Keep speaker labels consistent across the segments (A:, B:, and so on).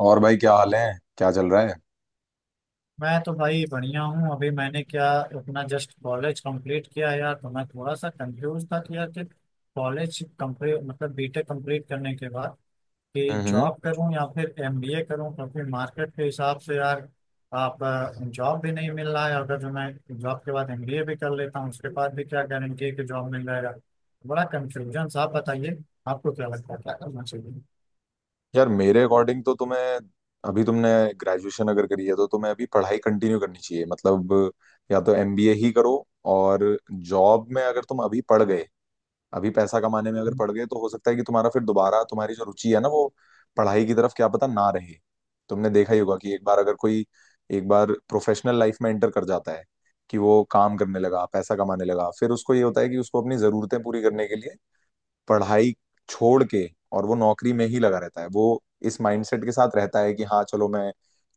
A: और भाई, क्या हाल है? क्या चल रहा है?
B: मैं तो भाई बढ़िया हूँ। अभी मैंने क्या अपना जस्ट कॉलेज कंप्लीट किया यार। तो मैं थोड़ा सा कंफ्यूज था कि यार कि कॉलेज कंप्लीट मतलब बीटेक कंप्लीट करने के बाद कि
A: हम्म।
B: जॉब करूँ या फिर एमबीए करूँ, क्योंकि मार्केट के हिसाब से यार आप जॉब भी नहीं मिल रहा है। अगर जो मैं जॉब के बाद एमबीए भी कर लेता हूँ उसके बाद भी क्या गारंटी है कि जॉब मिल जाएगा। बड़ा कंफ्यूजन। आप बताइए आपको क्या लगता है क्या करना चाहिए।
A: यार, मेरे अकॉर्डिंग तो तुम्हें, अभी तुमने ग्रेजुएशन अगर करी है तो तुम्हें अभी पढ़ाई कंटिन्यू करनी चाहिए। मतलब या तो एमबीए ही करो। और जॉब में अगर तुम अभी पढ़ गए, अभी पैसा कमाने में अगर पढ़ गए, तो हो सकता है कि तुम्हारा फिर दोबारा तुम्हारी जो रुचि है ना, वो पढ़ाई की तरफ क्या पता ना रहे। तुमने देखा ही होगा कि एक बार अगर कोई, एक बार प्रोफेशनल लाइफ में एंटर कर जाता है, कि वो काम करने लगा, पैसा कमाने लगा, फिर उसको ये होता है कि उसको अपनी जरूरतें पूरी करने के लिए पढ़ाई छोड़ के, और वो नौकरी में ही लगा रहता है। वो इस माइंडसेट के साथ रहता है कि हाँ चलो, मैं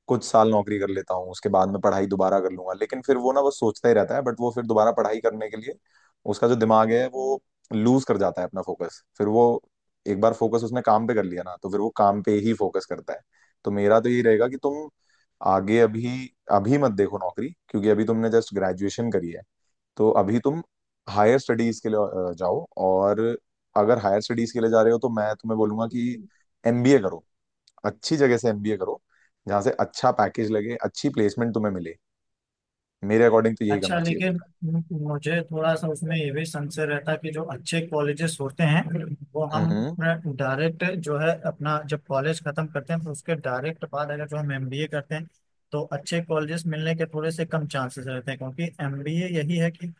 A: कुछ साल नौकरी कर लेता हूँ, उसके बाद में पढ़ाई दोबारा कर लूंगा। लेकिन फिर वो ना वो सोचता ही रहता है, बट वो फिर दोबारा पढ़ाई करने के लिए उसका जो दिमाग है वो लूज कर जाता है अपना फोकस। फिर वो, एक बार फोकस उसने काम पे कर लिया ना, तो फिर वो काम पे ही फोकस करता है। तो मेरा तो यही रहेगा कि तुम आगे अभी अभी मत देखो नौकरी, क्योंकि अभी तुमने जस्ट ग्रेजुएशन करी है। तो अभी तुम हायर स्टडीज के लिए जाओ। और अगर हायर स्टडीज के लिए जा रहे हो तो मैं तुम्हें बोलूंगा कि एमबीए करो, अच्छी जगह से एमबीए करो, जहां से अच्छा पैकेज लगे, अच्छी प्लेसमेंट तुम्हें मिले। मेरे अकॉर्डिंग तो यही
B: अच्छा,
A: करना चाहिए
B: लेकिन
A: तुम्हें।
B: मुझे थोड़ा सा उसमें ये भी संशय रहता कि जो अच्छे कॉलेजेस होते हैं वो हम
A: हम्म,
B: डायरेक्ट जो है अपना जब कॉलेज खत्म करते हैं तो उसके डायरेक्ट बाद अगर जो हम एमबीए करते हैं तो अच्छे कॉलेजेस मिलने के थोड़े से कम चांसेस रहते हैं, क्योंकि एमबीए यही है कि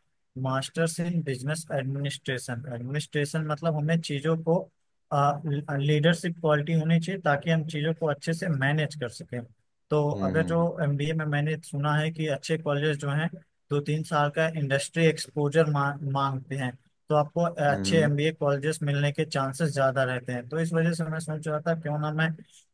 B: masters in business administration. Administration मतलब हमें चीजों को लीडरशिप क्वालिटी होनी चाहिए ताकि हम चीजों को अच्छे से मैनेज कर सकें। तो अगर जो
A: हम्म,
B: एमबीए में मैंने सुना है कि अच्छे कॉलेज जो हैं 2-3 साल का इंडस्ट्री एक्सपोजर मांगते हैं तो आपको अच्छे
A: हम्म,
B: एमबीए कॉलेजेस मिलने के चांसेस ज्यादा रहते हैं। तो इस वजह से मैं सोच रहा था क्यों ना मैं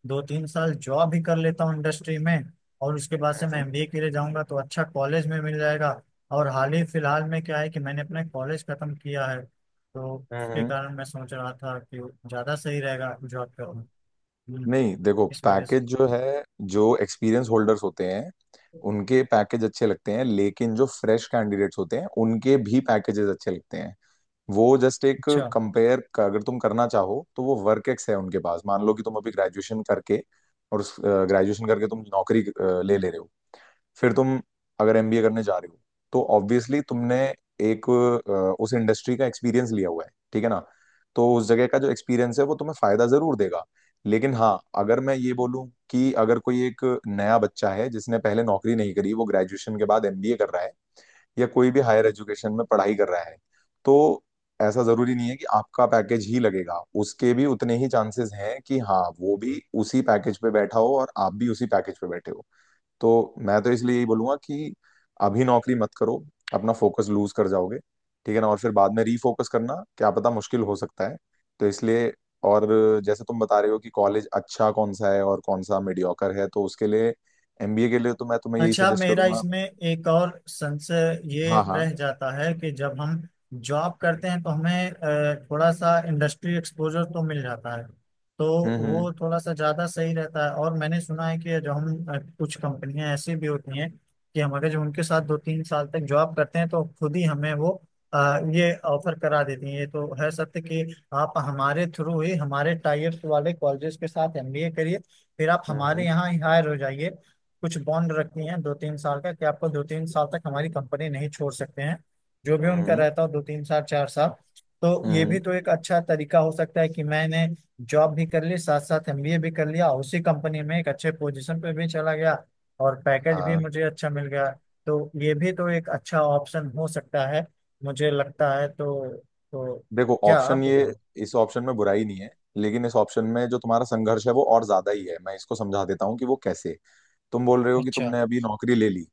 B: 2-3 साल जॉब ही कर लेता हूँ इंडस्ट्री में, और उसके बाद से मैं एमबीए के लिए जाऊंगा तो अच्छा कॉलेज में मिल जाएगा। और हाल ही फिलहाल में क्या है कि मैंने अपना कॉलेज खत्म किया है तो
A: हम्म,
B: उसके कारण मैं सोच रहा था कि ज्यादा सही रहेगा जॉब करना। हम्म,
A: नहीं, देखो,
B: इस वजह से।
A: पैकेज जो है, जो एक्सपीरियंस होल्डर्स होते हैं उनके पैकेज अच्छे लगते हैं, लेकिन जो फ्रेश कैंडिडेट्स होते हैं उनके भी पैकेजेस अच्छे लगते हैं। वो जस्ट, एक
B: अच्छा
A: कंपेयर का अगर तुम करना चाहो तो वो वर्क एक्स है उनके पास। मान लो कि तुम अभी ग्रेजुएशन करके, और उस ग्रेजुएशन करके तुम नौकरी ले ले रहे हो, फिर तुम अगर एमबीए करने जा रहे हो तो ऑब्वियसली तुमने एक उस इंडस्ट्री का एक्सपीरियंस लिया हुआ है, ठीक है ना। तो उस जगह का जो एक्सपीरियंस है वो तुम्हें फायदा जरूर देगा। लेकिन हाँ, अगर मैं ये बोलूं कि अगर कोई एक नया बच्चा है जिसने पहले नौकरी नहीं करी, वो ग्रेजुएशन के बाद एमबीए कर रहा है या कोई भी हायर एजुकेशन में पढ़ाई कर रहा है, तो ऐसा जरूरी नहीं है कि आपका पैकेज ही लगेगा। उसके भी उतने ही चांसेस हैं कि हाँ, वो भी उसी पैकेज पे बैठा हो और आप भी उसी पैकेज पे बैठे हो। तो मैं तो इसलिए यही बोलूंगा कि अभी नौकरी मत करो, अपना फोकस लूज कर जाओगे, ठीक है ना। और फिर बाद में रीफोकस करना क्या पता मुश्किल हो सकता है, तो इसलिए। और जैसे तुम बता रहे हो कि कॉलेज अच्छा कौन सा है और कौन सा मीडियोकर है, तो उसके लिए, एमबीए के लिए तो मैं तुम्हें यही
B: अच्छा।
A: सजेस्ट
B: मेरा
A: करूंगा।
B: इसमें एक और संशय ये
A: हाँ, हाँ।
B: रह जाता है कि जब हम जॉब करते हैं तो हमें थोड़ा सा इंडस्ट्री एक्सपोजर तो मिल जाता है। तो
A: हम्म, हम्म,
B: वो थोड़ा सा ज़्यादा सही रहता है। और मैंने सुना है कि जो हम कुछ कंपनियां ऐसी भी होती हैं कि हम अगर जो उनके साथ 2-3 साल तक जॉब करते हैं तो खुद ही हमें वो ये ऑफर करा देती हैं। ये तो है सत्य कि आप हमारे थ्रू ही हमारे टाइप्स वाले कॉलेजेस के साथ एमबीए करिए, फिर आप
A: हम्म,
B: हमारे यहाँ ही हायर हो जाइए। कुछ बॉन्ड रखी हैं 2-3 साल का कि आपको 2-3 साल तक हमारी कंपनी नहीं छोड़ सकते हैं। जो भी उनका
A: हम्म,
B: रहता हो, 2-3 साल 4 साल। तो ये भी
A: हम्म,
B: तो एक अच्छा तरीका हो सकता है कि मैंने जॉब भी कर ली, साथ साथ एमबीए भी कर लिया, उसी कंपनी में एक अच्छे पोजीशन पे भी चला गया और पैकेज भी
A: हाँ।
B: मुझे अच्छा मिल गया। तो ये भी तो एक अच्छा ऑप्शन हो सकता है मुझे लगता है। तो
A: देखो,
B: क्या
A: ऑप्शन
B: आपको क्या
A: ये,
B: लगता
A: इस ऑप्शन में बुराई नहीं है, लेकिन इस ऑप्शन में जो तुम्हारा संघर्ष है वो और ज्यादा ही है। मैं इसको समझा देता हूँ कि वो कैसे। तुम बोल रहे हो
B: है?
A: कि
B: अच्छा,
A: तुमने अभी नौकरी ले ली,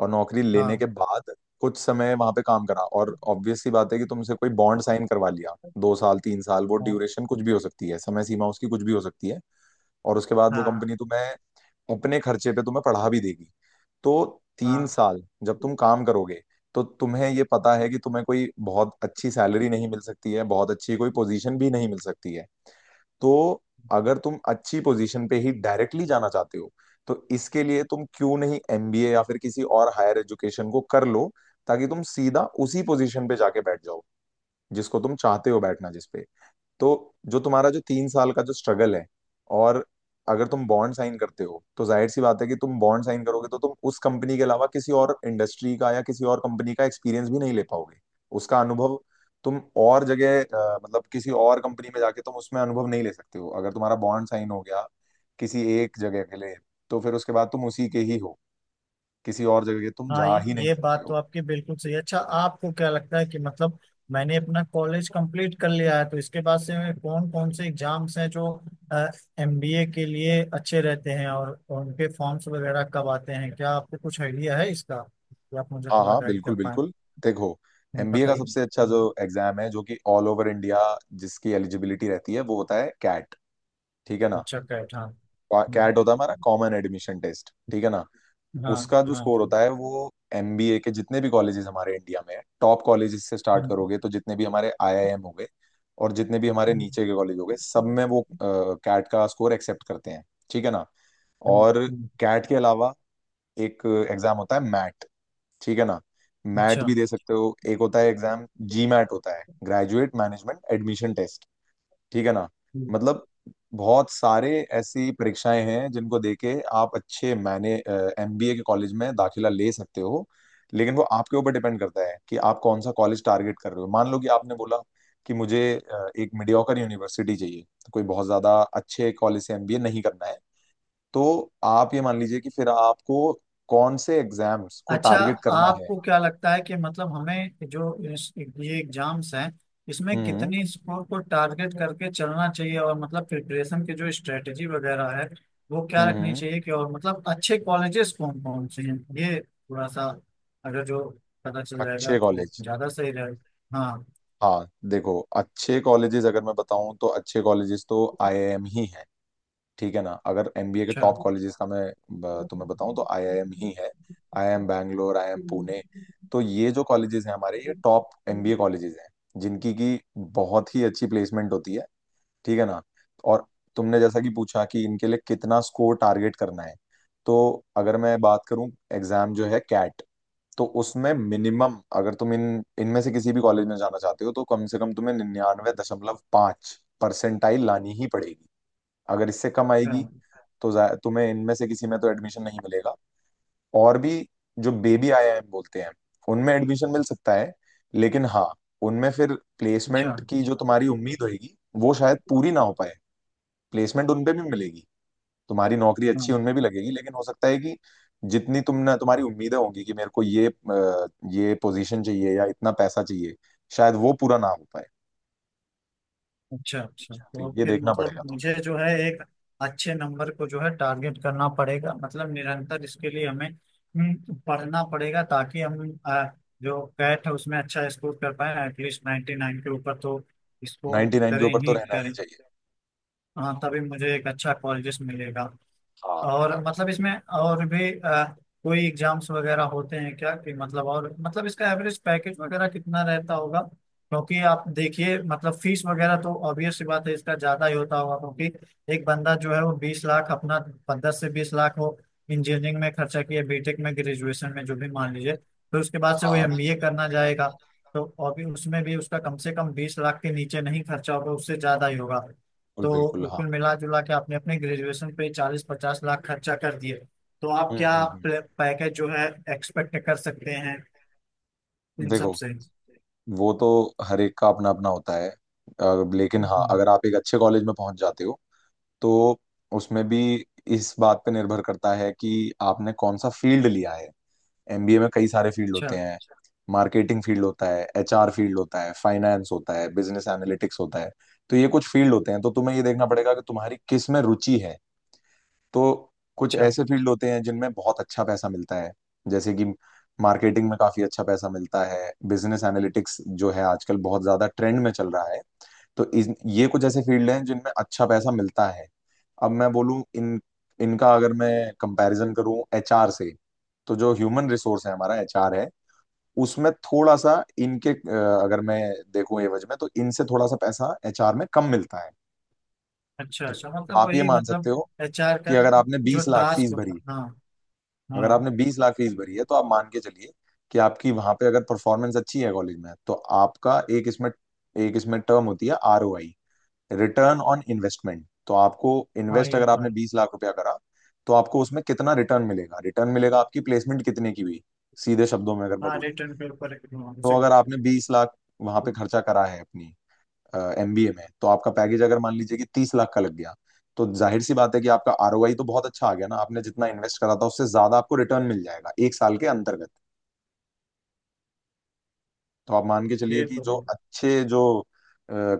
A: और नौकरी लेने
B: हाँ
A: के बाद कुछ समय वहां पे काम करा, और ऑब्वियस सी बात है कि तुमसे कोई बॉन्ड साइन करवा लिया। 2 साल, 3 साल, वो
B: हाँ
A: ड्यूरेशन कुछ भी हो सकती है, समय सीमा उसकी कुछ भी हो सकती है। और उसके बाद वो
B: हाँ
A: कंपनी तुम्हें अपने खर्चे पे तुम्हें पढ़ा भी देगी। तो तीन
B: हाँ
A: साल जब तुम काम करोगे, तो तुम्हें ये पता है कि तुम्हें कोई बहुत अच्छी सैलरी नहीं मिल सकती है, बहुत अच्छी कोई पोजीशन भी नहीं मिल सकती है। तो अगर तुम अच्छी पोजीशन पे ही डायरेक्टली जाना चाहते हो, तो इसके लिए तुम क्यों नहीं एमबीए या फिर किसी और हायर एजुकेशन को कर लो, ताकि तुम सीधा उसी पोजीशन पे जाके बैठ जाओ जिसको तुम चाहते हो बैठना, जिस पे। तो जो तुम्हारा जो 3 साल का जो स्ट्रगल है, और अगर तुम बॉन्ड साइन करते हो, तो जाहिर सी बात है कि तुम बॉन्ड साइन करोगे तो तुम उस कंपनी के अलावा किसी और इंडस्ट्री का या किसी और कंपनी का एक्सपीरियंस भी नहीं ले पाओगे, उसका अनुभव। तुम और जगह, मतलब किसी और कंपनी में जाके तुम उसमें अनुभव नहीं ले सकते हो, अगर तुम्हारा बॉन्ड साइन हो गया किसी एक जगह के लिए, तो फिर उसके बाद तुम उसी के ही हो, किसी और जगह तुम
B: हाँ,
A: जा ही नहीं
B: ये
A: सकते
B: बात तो
A: हो।
B: आपकी बिल्कुल सही है। अच्छा, आपको क्या लगता है कि मतलब मैंने अपना कॉलेज कंप्लीट कर लिया है तो इसके बाद से मैं कौन कौन से एग्जाम्स हैं जो एमबीए के लिए अच्छे रहते हैं? और उनके फॉर्म्स वगैरह कब आते हैं? क्या आपको कुछ आइडिया है इसका कि आप मुझे
A: हाँ,
B: थोड़ा
A: हाँ,
B: गाइड कर
A: बिल्कुल
B: पाए?
A: बिल्कुल। देखो, एमबीए का
B: बताइए।
A: सबसे अच्छा जो एग्जाम है जो कि ऑल ओवर इंडिया जिसकी एलिजिबिलिटी रहती है, वो होता है कैट, ठीक है ना।
B: अच्छा कैट, हाँ। हम्म,
A: कैट होता है हमारा कॉमन एडमिशन टेस्ट, ठीक है ना।
B: हाँ
A: उसका जो
B: हाँ।
A: स्कोर होता है वो, एमबीए के जितने भी कॉलेजेस हमारे इंडिया में है, टॉप कॉलेजेस से स्टार्ट करोगे तो जितने भी हमारे आईआईएम हो गए और जितने भी हमारे
B: हम्म,
A: नीचे के कॉलेज हो गए, सब में वो कैट का स्कोर एक्सेप्ट करते हैं, ठीक है ना। और
B: हम्म।
A: कैट के अलावा एक एग्जाम होता है मैट, ठीक है ना। मैट
B: अच्छा
A: भी दे सकते हो। एक होता है एग्जाम जी मैट, होता है ग्रेजुएट मैनेजमेंट एडमिशन टेस्ट, ठीक है ना। मतलब बहुत सारे ऐसी परीक्षाएं हैं जिनको देके आप अच्छे, मैंने एमबीए के कॉलेज में दाखिला ले सकते हो। लेकिन वो आपके ऊपर डिपेंड करता है कि आप कौन सा कॉलेज टारगेट कर रहे हो। मान लो कि आपने बोला कि मुझे एक मीडियोकर यूनिवर्सिटी चाहिए, तो कोई बहुत ज्यादा अच्छे कॉलेज से एमबीए नहीं करना है। तो आप ये मान लीजिए कि फिर आपको कौन से एग्जाम्स को
B: अच्छा,
A: टारगेट करना है।
B: आपको क्या लगता है कि मतलब हमें जो ये एग्जाम्स हैं इसमें
A: हम्म,
B: कितनी स्कोर को टारगेट करके चलना चाहिए? और मतलब प्रिपरेशन की जो स्ट्रेटेजी वगैरह है वो क्या रखनी
A: हम्म।
B: चाहिए? कि और मतलब अच्छे कॉलेजेस कौन कौन से हैं, ये थोड़ा सा अगर जो पता चल जाएगा
A: अच्छे
B: तो
A: कॉलेज,
B: ज्यादा सही रहेगा। हाँ,
A: हाँ, देखो, अच्छे कॉलेजेस अगर मैं बताऊं तो अच्छे कॉलेजेस तो आईआईएम ही है, ठीक है ना। अगर एमबीए के
B: अच्छा
A: टॉप कॉलेजेस का मैं तुम्हें बताऊं तो आईआईएम ही है। IIM Bangalore, IIM Pune. तो ये जो कॉलेजेस हैं हमारे, ये टॉप एमबीए कॉलेजेस हैं जिनकी की बहुत ही अच्छी प्लेसमेंट होती है, ठीक है ना। और तुमने जैसा कि पूछा कि इनके लिए कितना स्कोर टारगेट करना है, तो अगर मैं बात करूं, एग्जाम जो है कैट, तो उसमें मिनिमम अगर तुम इन इनमें से किसी भी कॉलेज में जाना चाहते हो तो कम से कम तुम्हें 99.5 परसेंटाइल लानी ही पड़ेगी। अगर इससे कम
B: अच्छा
A: आएगी तो तुम्हें इनमें से किसी में तो एडमिशन नहीं मिलेगा। और भी, जो बेबी आईआईएम बोलते हैं उनमें एडमिशन मिल सकता है, लेकिन हाँ, उनमें फिर
B: अच्छा,
A: प्लेसमेंट की जो तुम्हारी उम्मीद होगी वो शायद पूरी ना हो पाए। प्लेसमेंट उनपे भी मिलेगी, तुम्हारी नौकरी अच्छी
B: हाँ।
A: उनमें भी लगेगी, लेकिन हो सकता है कि जितनी तुम ना तुम्हारी उम्मीदें होंगी कि मेरे को ये पोजीशन चाहिए या इतना पैसा चाहिए, शायद वो पूरा ना हो पाए।
B: अच्छा अच्छा,
A: तो
B: तो
A: ये
B: फिर
A: देखना पड़ेगा
B: मतलब
A: तुम्हें।
B: मुझे जो है एक अच्छे नंबर को जो है टारगेट करना पड़ेगा, मतलब निरंतर इसके लिए हमें पढ़ना पड़ेगा ताकि हम जो कैट है उसमें अच्छा स्कोर कर पाए। एटलीस्ट 99 के ऊपर तो स्कोर
A: 99 के
B: करें
A: ऊपर तो
B: ही
A: रहना ही
B: करें।
A: चाहिए।
B: हाँ, तभी मुझे एक अच्छा कॉलेज मिलेगा।
A: हाँ,
B: और
A: हाँ।
B: मतलब इसमें और भी कोई एग्जाम्स वगैरह होते हैं क्या? कि मतलब और मतलब इसका एवरेज पैकेज वगैरह कितना रहता होगा? क्योंकि आप देखिए मतलब फीस वगैरह तो ऑब्वियस सी बात है इसका ज्यादा ही होता होगा, क्योंकि एक बंदा जो है वो 20 लाख अपना, 10 से 20 लाख वो इंजीनियरिंग में खर्चा किया, बीटेक में, ग्रेजुएशन में जो भी मान लीजिए, फिर उसके बाद से वो
A: हाँ,
B: एमबीए करना जाएगा तो और भी उसमें भी उसका कम से कम 20 लाख के नीचे नहीं खर्चा होगा, उससे ज्यादा ही होगा।
A: बिल्कुल बिल्कुल,
B: तो
A: हाँ।
B: कुल मिला जुला के आपने अपने ग्रेजुएशन पे 40-50 लाख खर्चा कर दिए। तो आप
A: हम्म,
B: क्या पैकेज जो है एक्सपेक्ट कर सकते हैं इन सब
A: देखो,
B: से?
A: वो तो हर एक का अपना अपना होता है, लेकिन हाँ
B: हम्म।
A: अगर आप एक अच्छे कॉलेज में पहुंच जाते हो, तो उसमें भी इस बात पे निर्भर करता है कि आपने कौन सा फील्ड लिया है। एमबीए में कई सारे फील्ड
B: अच्छा
A: होते हैं। मार्केटिंग फील्ड होता है, एचआर फील्ड होता है, फाइनेंस होता है, बिजनेस एनालिटिक्स होता है। तो ये कुछ फील्ड होते हैं, तो तुम्हें ये देखना पड़ेगा कि तुम्हारी किस में रुचि है। तो कुछ
B: अच्छा
A: ऐसे फील्ड होते हैं जिनमें बहुत अच्छा पैसा मिलता है, जैसे कि मार्केटिंग में काफी अच्छा पैसा मिलता है। बिजनेस एनालिटिक्स जो है आजकल बहुत ज्यादा ट्रेंड में चल रहा है। तो ये कुछ ऐसे फील्ड हैं जिनमें अच्छा पैसा मिलता है। अब मैं बोलूं, इन इनका अगर मैं कंपैरिजन करूं एचआर से, तो जो ह्यूमन रिसोर्स है, हमारा एचआर है, उसमें थोड़ा सा इनके, अगर मैं देखूं एवज में, तो इनसे थोड़ा सा पैसा एचआर में कम मिलता है।
B: अच्छा
A: तो
B: अच्छा, मतलब
A: आप ये
B: वही
A: मान सकते
B: मतलब
A: हो
B: एचआर
A: कि
B: का
A: अगर आपने
B: जो
A: 20 लाख
B: टास्क
A: फीस
B: होता
A: भरी,
B: है, हाँ,
A: अगर
B: हाँ।
A: आपने बीस लाख फीस भरी है, तो आप मान के चलिए कि आपकी वहां पे अगर परफॉर्मेंस अच्छी है कॉलेज में, तो आपका एक इसमें टर्म होती है आरओआई, रिटर्न ऑन इन्वेस्टमेंट। तो आपको
B: हाँ,
A: इन्वेस्ट,
B: ये
A: अगर
B: तो
A: आपने
B: है।
A: 20 लाख रुपया करा, तो आपको उसमें कितना रिटर्न मिलेगा। रिटर्न मिलेगा आपकी प्लेसमेंट कितने की हुई, सीधे शब्दों में अगर मैं
B: हाँ,
A: बोलूँ।
B: रिटर्न के ऊपर एक- हाँ,
A: तो
B: उसी के
A: अगर
B: ऊपर।
A: आपने 20 लाख वहां पे खर्चा करा है अपनी एमबीए में, तो आपका पैकेज अगर मान लीजिए कि 30 लाख का लग गया, तो जाहिर सी बात है कि आपका आरओआई तो बहुत अच्छा आ गया ना। आपने जितना इन्वेस्ट करा था उससे ज्यादा आपको रिटर्न मिल जाएगा एक साल के अंतर्गत। तो आप मान के चलिए
B: ये
A: कि
B: तो
A: जो
B: है।
A: अच्छे, जो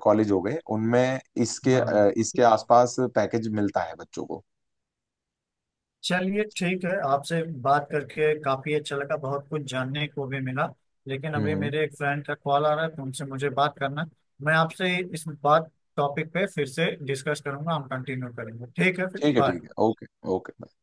A: कॉलेज हो गए, उनमें इसके,
B: हाँ,
A: इसके आसपास पैकेज मिलता है बच्चों को।
B: चलिए, ठीक है, आपसे बात करके काफी अच्छा लगा, बहुत कुछ जानने को भी मिला। लेकिन
A: हम्म,
B: अभी मेरे एक फ्रेंड का कॉल आ रहा है तो उनसे मुझे बात करना है। मैं आपसे इस बात टॉपिक पे फिर से डिस्कस करूंगा, हम कंटिन्यू करेंगे, ठीक है? फिर
A: ठीक है,
B: बाय।
A: ठीक है, ओके। ओके।